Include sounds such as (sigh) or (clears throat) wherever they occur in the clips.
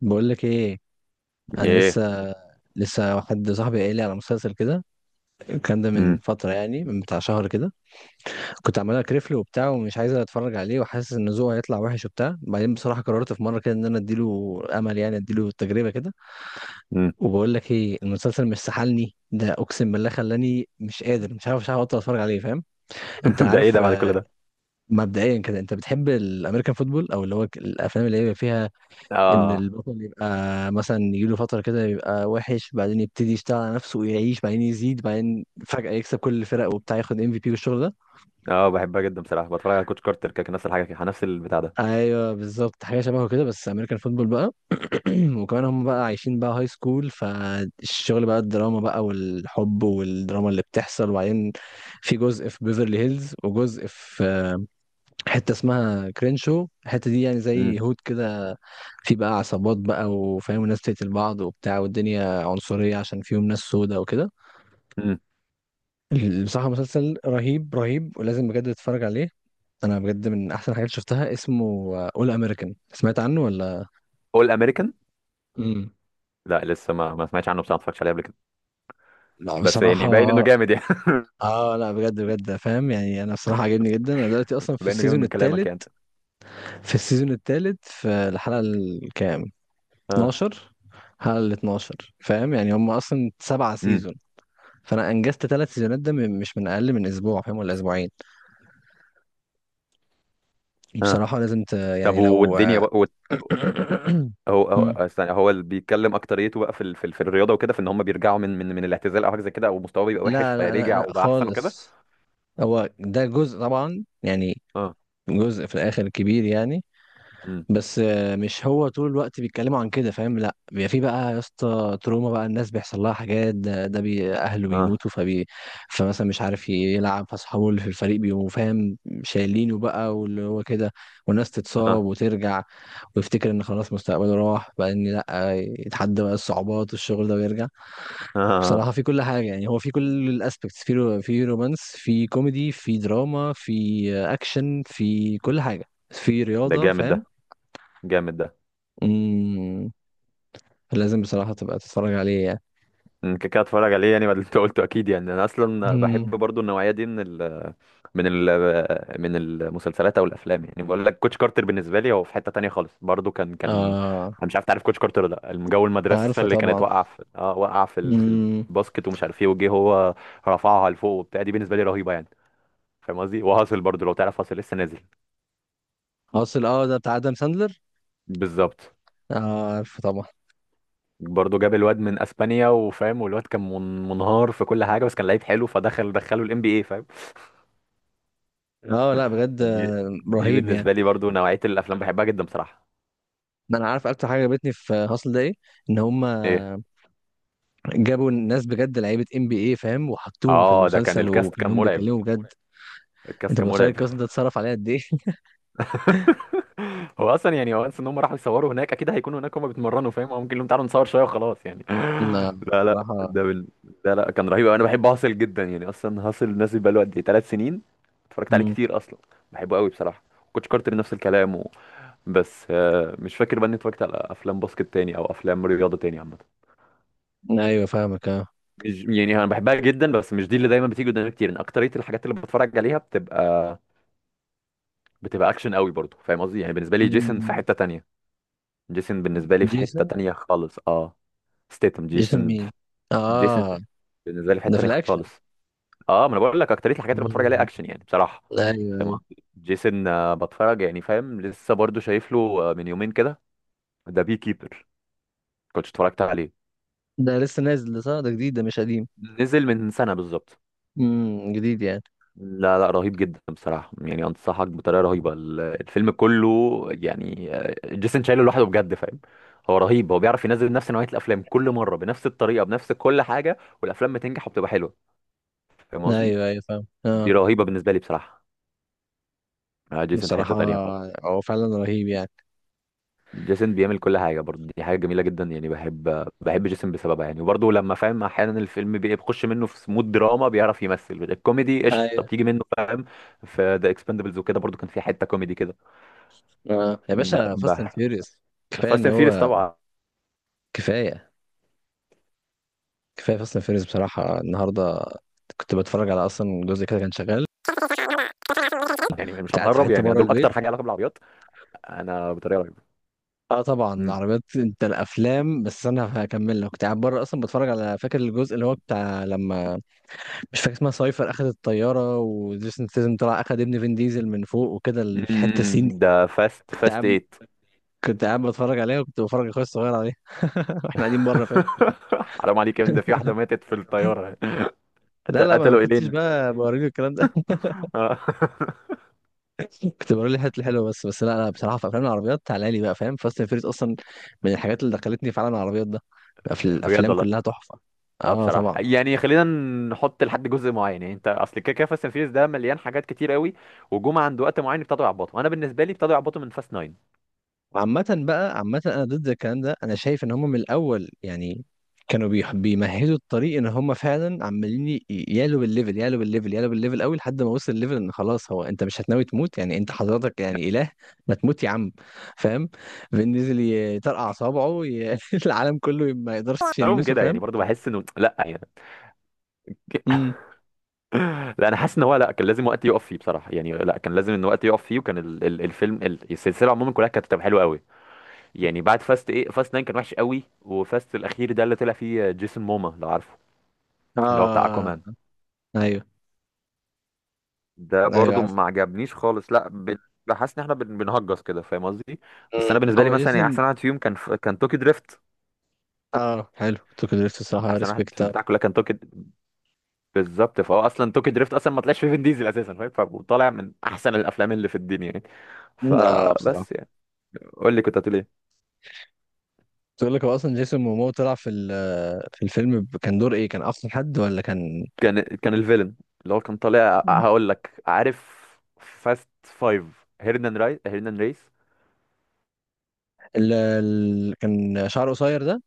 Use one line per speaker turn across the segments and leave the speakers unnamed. بقول لك ايه. انا
ايه.
لسه واحد صاحبي قايل لي على مسلسل كده. الكلام ده من
امم
فتره، يعني من بتاع شهر كده. كنت عمال اكرفله وبتاع، ومش عايز اتفرج عليه، وحاسس ان ذوقه هيطلع وحش وبتاع. بعدين بصراحه قررت في مره كده ان انا اديله امل، يعني اديله تجربه كده.
امم
وبقول لك ايه، المسلسل مش سحلني. ده اقسم بالله خلاني مش قادر، مش عارف ابطل اتفرج عليه، فاهم؟
(laughs)
انت
ده ايه
عارف
ده بعد كل
آه،
ده؟
مبدئيا كده انت بتحب الامريكان فوتبول، او اللي هو الافلام اللي هي فيها ان
اه،
البطل يبقى مثلا يجيله فتره كده يبقى وحش، بعدين يبتدي يشتغل على نفسه ويعيش، بعدين يزيد، بعدين فجاه يكسب كل الفرق وبتاع، ياخد ام في بي والشغل ده.
اه، بحبها جدا بصراحه، بتفرج على كوتش كارتر كده، نفس الحاجه كده، نفس البتاع ده.
ايوه بالظبط، حاجه شبهه كده، بس امريكان فوتبول بقى. (clears throat) وكمان هم بقى عايشين بقى هاي سكول، فالشغل بقى الدراما بقى والحب والدراما اللي بتحصل. وبعدين في جزء في بيفرلي هيلز، وجزء في حتة اسمها كرينشو، الحتة دي يعني
امم
زي هود كده، في بقى عصابات بقى وفاهم ناس تقتل بعض وبتاع، والدنيا عنصرية عشان فيهم ناس سودة وكده.
امم
بصراحة مسلسل رهيب رهيب، ولازم بجد تتفرج عليه. أنا بجد من أحسن الحاجات اللي شفتها. اسمه أول أمريكان، سمعت عنه ولا؟
اول امريكان؟
امم.
لا، لسه ما سمعتش عنه بصراحه، ما اتفرجتش عليه قبل كده،
لا
بس
بصراحة.
يعني باين انه جامد يعني.
اه لا بجد بجد، فاهم يعني، انا بصراحة عجبني جدا. انا دلوقتي
(laughs)
اصلا في
باين انه جامد
السيزون
من كلامك
الثالث
يعني.
في السيزون الثالث في الحلقة الكام،
اه.
12. حلقة ال 12، فاهم يعني. هم اصلا سبعة
امم
سيزون، فانا انجزت ثلاث سيزونات ده مش من اقل من اسبوع، فاهم، ولا اسبوعين.
اه.
بصراحة لازم
طب،
يعني لو… (clears throat)
والدنيا بقى
(coughs)
هو
مم.
استنى، هو اللي بيتكلم اكتريته بقى في الرياضه وكده، في ان هم بيرجعوا من الاعتزال او حاجه زي كده، او مستواه بيبقى وحش
لا لا لا
فيرجع
لا
وبقى احسن وكده.
خالص. هو ده جزء طبعا يعني،
اه.
جزء في الاخر كبير يعني.
امم
بس مش هو طول الوقت بيتكلموا عن كده، فاهم. لا، بيبقى في بقى يا اسطى تروما بقى، الناس بيحصل لها حاجات، ده بي اهله
اه،
بيموتوا فبي، فمثلا مش عارف يلعب، فاصحابه اللي في الفريق بيبقوا فاهم شايلينه بقى، واللي هو كده، والناس تتصاب
اه،
وترجع، ويفتكر ان خلاص مستقبله راح بقى، ان لا يتحدى بقى الصعوبات والشغل ده ويرجع.
اه،
بصراحة في كل حاجة يعني. هو في كل الاسبكتس، في رومانس، في كوميدي، في دراما، في اكشن، في كل حاجة، في
ده
رياضة،
جامد ده،
فاهم.
جامد ده.
مم. لازم بصراحة تبقى تتفرج عليه يعني.
كده كده اتفرج عليه يعني، بعد اللي انت قلته اكيد يعني، انا اصلا
مم.
بحب برضو النوعيه دي من ال من ال من المسلسلات او الافلام. يعني بقول لك كوتش كارتر بالنسبه لي هو في حته تانية خالص، برضو كان
آه
انا مش عارف تعرف كوتش كارتر ولا لا. الجو المدرسه
عارفه
اللي كانت
طبعا.
واقعه في
مم.
الباسكت، ومش عارف ايه، وجه هو رفعها لفوق وبتاع، دي بالنسبه لي رهيبه يعني، فاهم قصدي. وهاصل برضو لو تعرف، هاصل لسه نازل.
أصل ده بتاع آدم ساندلر.
بالظبط،
آه عارفه طبعا.
برضه جاب الواد من اسبانيا وفاهم، والواد كان منهار في كل حاجه، بس كان لعيب حلو، فدخل دخله الام بي اي فاهم.
اه لا بجد
دي
آه،
دي
رهيب يعني.
بالنسبه لي برضو نوعيه الافلام بحبها جدا بصراحه.
ما انا عارف اكتر حاجه عجبتني في هاسل ده ايه. ان هم
ايه.
جابوا ناس بجد لعيبه ام بي اي، فاهم، وحطوهم في
اه، ده كان
المسلسل. اه لا،
الكاست، كان
وكانوا
مرعب.
بيتكلموا بجد.
الكاست
انت
كان
متخيل
مرعب.
القسم ده اتصرف عليه قد ايه؟
(laughs) هو اصلا يعني وانس ان هم راحوا يصوروا هناك، اكيد هيكونوا هناك هم بيتمرنوا فاهم، او ممكن لهم تعالوا نصور شويه وخلاص يعني.
(laughs) لا
(laughs) لا، لا،
بصراحه.
لا، لا، كان رهيب أوي. انا بحب هاسل جدا يعني. اصلا هاسل نازل بقاله قد ايه، 3 سنين. اتفرجت عليه
مم.
كتير اصلا. بحبه قوي بصراحه. كوتش كارتر نفس الكلام بس مش فاكر بقى اني اتفرجت على افلام باسكت تاني او افلام رياضه تاني عامه.
ايوه فاهمك اه.
مش يعني انا بحبها جدا، بس مش دي اللي دايما بتيجي قدامي كتير. ان اكتريه الحاجات اللي بتفرج عليها بتبقى، بتبقى اكشن قوي برضو، فاهم قصدي. يعني بالنسبه لي جيسون في
مم.
حته تانية. جيسون بالنسبه لي في حته
جيسون.
تانية خالص. اه، ستيتم
جيسون
جيسون.
مين؟
جيسون
اه
بالنسبه لي في حته
ده في
تانية
الاكشن.
خالص. اه، ما انا بقول لك اكتريه الحاجات اللي بتفرج
مم.
عليها اكشن يعني بصراحه.
ايوه
فاهم
ايوه.
قصدي. جيسون بتفرج يعني فاهم. لسه برضو شايف له من يومين كده، ذا بي كيبر، كنت اتفرجت عليه.
ده لسه نازل ده، صح؟ ده جديد، ده مش قديم.
نزل من سنه بالظبط.
جديد يعني.
لا، لا، رهيب جدا بصراحة يعني، أنصحك بطريقة رهيبة. الفيلم كله يعني، جيسون شايله لوحده بجد فاهم. هو رهيب. هو بيعرف ينزل نفس نوعية الأفلام كل مرة بنفس الطريقة، بنفس كل حاجة، والأفلام بتنجح وبتبقى حلوة. فاهم قصدي؟
ايوه ايوه فاهم
دي
اه.
رهيبة بالنسبة لي بصراحة. جيسون في
بصراحة
حتة تانية خالص.
هو فعلا رهيب يعني.
جيسون بيعمل كل حاجة برضه، دي حاجة جميلة جدا يعني. بحب جيسون بسببها يعني. وبرضه لما فاهم أحيانا الفيلم بيخش منه في مود دراما، بيعرف يمثل الكوميدي، قشطة
ايوه.
بتيجي منه فاهم. في ذا اكسبندبلز وكده برضه كان في حتة كوميدي كده.
اه يا باشا، فاست اند
لا،
فيوريوس. كفاية
فاست
ان
اند فيريس
هو،
طبعا.
كفاية. كفاية فاست اند فيوريوس بصراحة. النهاردة كنت بتفرج على اصلا جزء كده كان شغال.
يعني مش
كنت قاعد في
هنقرب
حتة
يعني،
بره
دول
البيت.
اكتر حاجه علاقه بالعربيات. انا بطريقه رهيبه.
اه طبعا
مم.
العربيات، انت الافلام، بس انا هكمل لك. كنت قاعد بره اصلا بتفرج على، فاكر الجزء اللي هو بتاع لما، مش فاكر اسمها سايفر، اخد الطياره وجيسون ستاثام طلع اخد ابن فين ديزل من فوق وكده، الحته السين دي.
مم. ده فاست
كنت
فاست
قاعد
8.
كنت قاعد بتفرج عليها، وكنت بفرج اخويا الصغير عليها (laughs) واحنا قاعدين بره، فاهم.
(laughs) حرام عليك يا ابني، ده في واحده ماتت في الطياره. (laughs)
لا لا، ما
قتلوا
كنتش
الينا.
بقى بوريله الكلام ده. (laughs)
آه. (laughs)
كنت بوريله الحاجات الحلوه بس بس. لا لا بصراحه، في افلام العربيات تعالى لي بقى فاهم. فاست اند فيريس اصلا من الحاجات اللي دخلتني في عالم العربيات ده. في
بجد
الافلام
والله.
كلها تحفه.
اه
اه
بصراحه
طبعا.
يعني، خلينا نحط لحد جزء معين يعني. انت اصل كده كده فاست اند فيريس ده مليان حاجات كتير قوي، وجم عند وقت معين ابتدوا يعبطوا. انا بالنسبه لي ابتدوا يعبطوا من فاست 9.
وعامة بقى عامة أنا ضد الكلام ده. أنا شايف إن هم من الأول يعني كانوا بيمهدوا الطريق، إن هم فعلا عمالين يعلوا بالليفل، يعلوا بالليفل، يعلوا بالليفل أوي، لحد ما وصل الليفل إن خلاص هو. أنت مش هتناوي تموت يعني؟ أنت حضرتك يعني إله؟ ما تموت يا عم، فاهم. فنزل يطرقع صوابعه (laughs) العالم كله ما يقدرش
لهم
يلمسه،
كده يعني
فاهم.
برضو بحس انه لا يعني.
امم.
لا انا حاسس ان هو، لا كان لازم وقت يقف فيه بصراحه يعني. لا كان لازم ان وقت يقف فيه، وكان ال ال الفيلم، السلسله عموما كلها كانت بتبقى حلوه قوي. يعني بعد فاست ايه، فاست 9 كان وحش قوي، وفاست الاخير ده اللي طلع فيه جيسون موما، لو عارفه، اللي هو بتاع
آه.
اكوامان،
أيوه
ده
أيوه
برضو
عارف.
ما عجبنيش خالص. لا، بحس ان احنا بنهجس كده، فاهم قصدي. بس انا
مم.
بالنسبه لي
هو
مثلا يعني
جيسون.
احسن واحد فيهم كان كان توكي دريفت.
آه حلو توكو دريفت الصراحة،
احسن واحد في
ريسبكت.
البتاع كلها كان توكي. بالظبط، فهو اصلا توكي دريفت اصلا ما طلعش فيه فين ديزل اساسا فاهم، فطالع من احسن الافلام اللي في الدنيا يعني،
آه بصراحة.
فبس يعني. قول لي كنت هتقول ايه؟
تقول لك هو اصلا جيسون مومو طلع في في الفيلم كان دور ايه؟ كان اصلا حد ولا كان…
كان الفيلن اللي هو كان طالع. هقول لك، عارف فاست 5، هيرنان راي، هيرنان ريس؟
كان شعره قصير ده.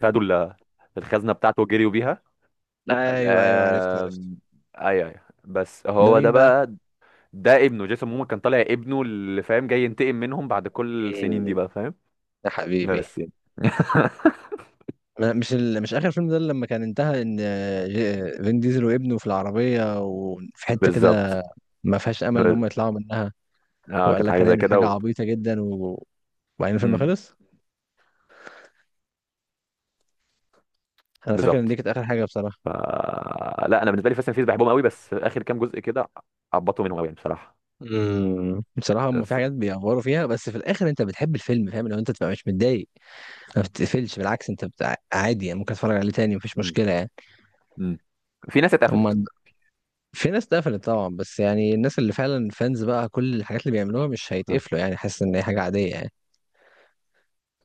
خدوا الخزنه بتاعته وجريوا بيها.
ايوه ايوه عرفت عرفت.
آم، ايوه، ايوه. بس
ده
هو ده
مين بقى؟
بقى، ده ابنه. جيسون مومو كان طالع ابنه، اللي فاهم جاي ينتقم منهم بعد كل السنين دي
إيه.
بقى، فاهم.
يا حبيبي.
بس يعني. (laughs)
مش اخر فيلم ده لما كان انتهى ان فين ديزل وابنه في العربيه وفي حته كده،
بالظبط.
ما فيهاش امل ان هم يطلعوا منها؟
اه
وقال
كانت
لك
حاجه زي
هنعمل
كده
حاجه عبيطه جدا و… وبعدين الفيلم
مم،
خلص. انا فاكر ان
بالظبط.
دي كانت اخر حاجه بصراحه.
ف... لا، انا بالنسبه لي فاست اند فيز بحبهم قوي، بس اخر كام جزء كده عبطوا منهم قوي يعني بصراحه.
امم. بصراحة هم في
بس.
حاجات بيأفوروا فيها، بس في الآخر أنت بتحب الفيلم، فاهم، لو أنت تبقى مش متضايق. ما بتقفلش، بالعكس، أنت بتاع عادي يعني، ممكن تتفرج عليه تاني مفيش مشكلة يعني.
امم. في ناس اتقفلت.
هم. في ناس اتقفلت طبعا، بس يعني الناس اللي فعلا فانز بقى، كل الحاجات اللي بيعملوها مش
ها.
هيتقفلوا يعني، حاسس إن هي حاجة عادية يعني.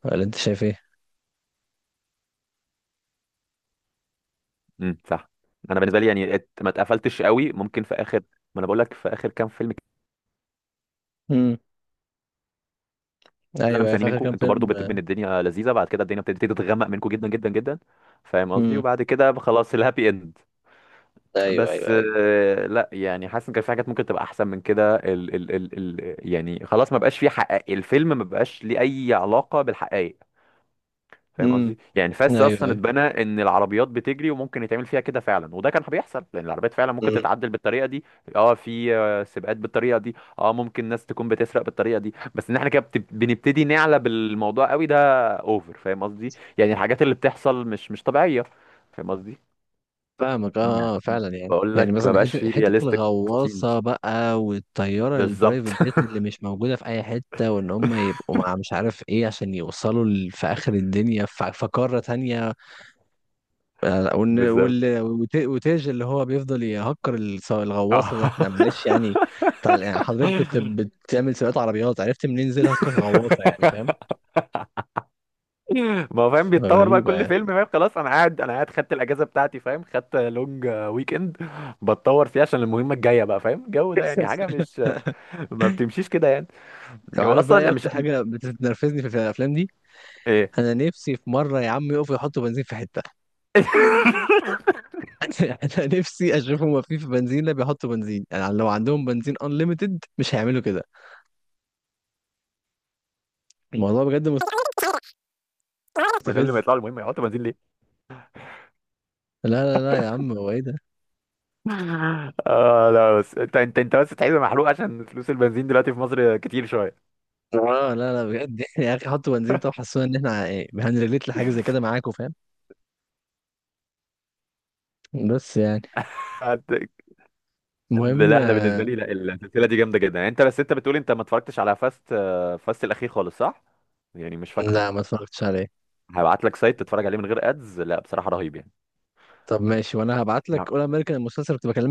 ولا أنت شايف إيه؟
امم، صح. انا بالنسبه لي يعني ما اتقفلتش قوي، ممكن في اخر. ما انا بقول لك في اخر كام فيلم كده.
امم.
اللي انا
أيوه،
مستنيه
في آخر
منكم
كام
انتوا برضو،
فيلم.
بتبقى ان الدنيا لذيذه، بعد كده الدنيا بتبتدي تتغمق منكم جدا جدا جدا. فاهم قصدي.
امم.
وبعد كده خلاص، الهابي اند.
أيوه أيوه
بس
أيوه.
لا يعني حاسس ان كان في حاجات ممكن تبقى احسن من كده. ال ال ال ال يعني خلاص، ما بقاش في حقائق الفيلم، ما بقاش ليه اي علاقه بالحقائق، فاهم
امم.
قصدي. يعني فاس اصلا
أيوه
اتبنى ان العربيات بتجري وممكن يتعمل فيها كده فعلا، وده كان بيحصل لان العربيات فعلا ممكن
أيوه
تتعدل بالطريقه دي. اه في سباقات بالطريقه دي. اه، ممكن ناس تكون بتسرق بالطريقه دي، بس ان احنا كده بنبتدي نعلى بالموضوع قوي ده اوفر، فاهم قصدي. يعني الحاجات اللي بتحصل مش طبيعيه، فاهم قصدي.
فاهمك
يعني
اه. آه، فعلا يعني
بقول
يعني
لك ما
مثلا،
بقاش
حته
فيه
حته
رياليستيك
الغواصه
سينز.
بقى، والطياره
بالظبط.
البرايفت جيت اللي مش موجوده في اي حته، وان هم
(laughs)
يبقوا مع مش عارف ايه عشان يوصلوا في اخر الدنيا، في قاره تانية. آه،
بالظبط.
وتاج اللي هو بيفضل يهكر الغواصه، ده معلش يعني. يعني حضرتك كنت
اه.
بتعمل سباقات عربيات، عرفت منين زي تهكر غواصه يعني، فاهم.
(laughs) (laughs) ما هو فاهم بيتطور بقى
غريبه
كل
يعني.
فيلم فاهم. خلاص انا قاعد، انا قاعد خدت الاجازه بتاعتي فاهم، خدت لونج ويك اند، بتطور فيها عشان المهمه الجايه بقى فاهم. الجو ده يعني حاجه مش، ما بتمشيش كده يعني.
لو
هو
عارف بقى
اصلا
ايه
مش.
اكتر حاجه بتنرفزني في الافلام دي.
ايه؟
انا نفسي في مره يا عم يقفوا يحطوا بنزين في حته.
(laughs)
(laughs) انا نفسي اشوفهم واقفين في بنزينه بيحطوا بنزين، يعني لو عندهم بنزين انليمتد مش هيعملوا كده. الموضوع بجد
من قبل ما
مستفز.
يطلعوا المهمه يحطوا بنزين ليه؟
لا لا لا يا عم، هو ايه ده؟
(laughs) اه، لا، بس انت بس تحس محروق عشان فلوس البنزين دلوقتي في مصر كتير شويه.
اه لا لا بجد (laughs) يا اخي حطوا بنزين. طب حسونا ان احنا إيه، هنريليت لحاجه زي كده معاكم، فاهم. بس يعني
هت-
المهم
لا انا بالنسبه لي، لا السلسله دي جامده جدا يعني. انت بس انت بتقول انت ما اتفرجتش على فاست، فاست الاخير خالص، صح؟ يعني مش فاكره.
لا ما اتفرجتش عليه.
هبعت لك سايت تتفرج عليه من غير ادز، لا بصراحه رهيب يعني
طب ماشي، وانا هبعت
يعني
لك اول امريكان المسلسل كنت بكلمك.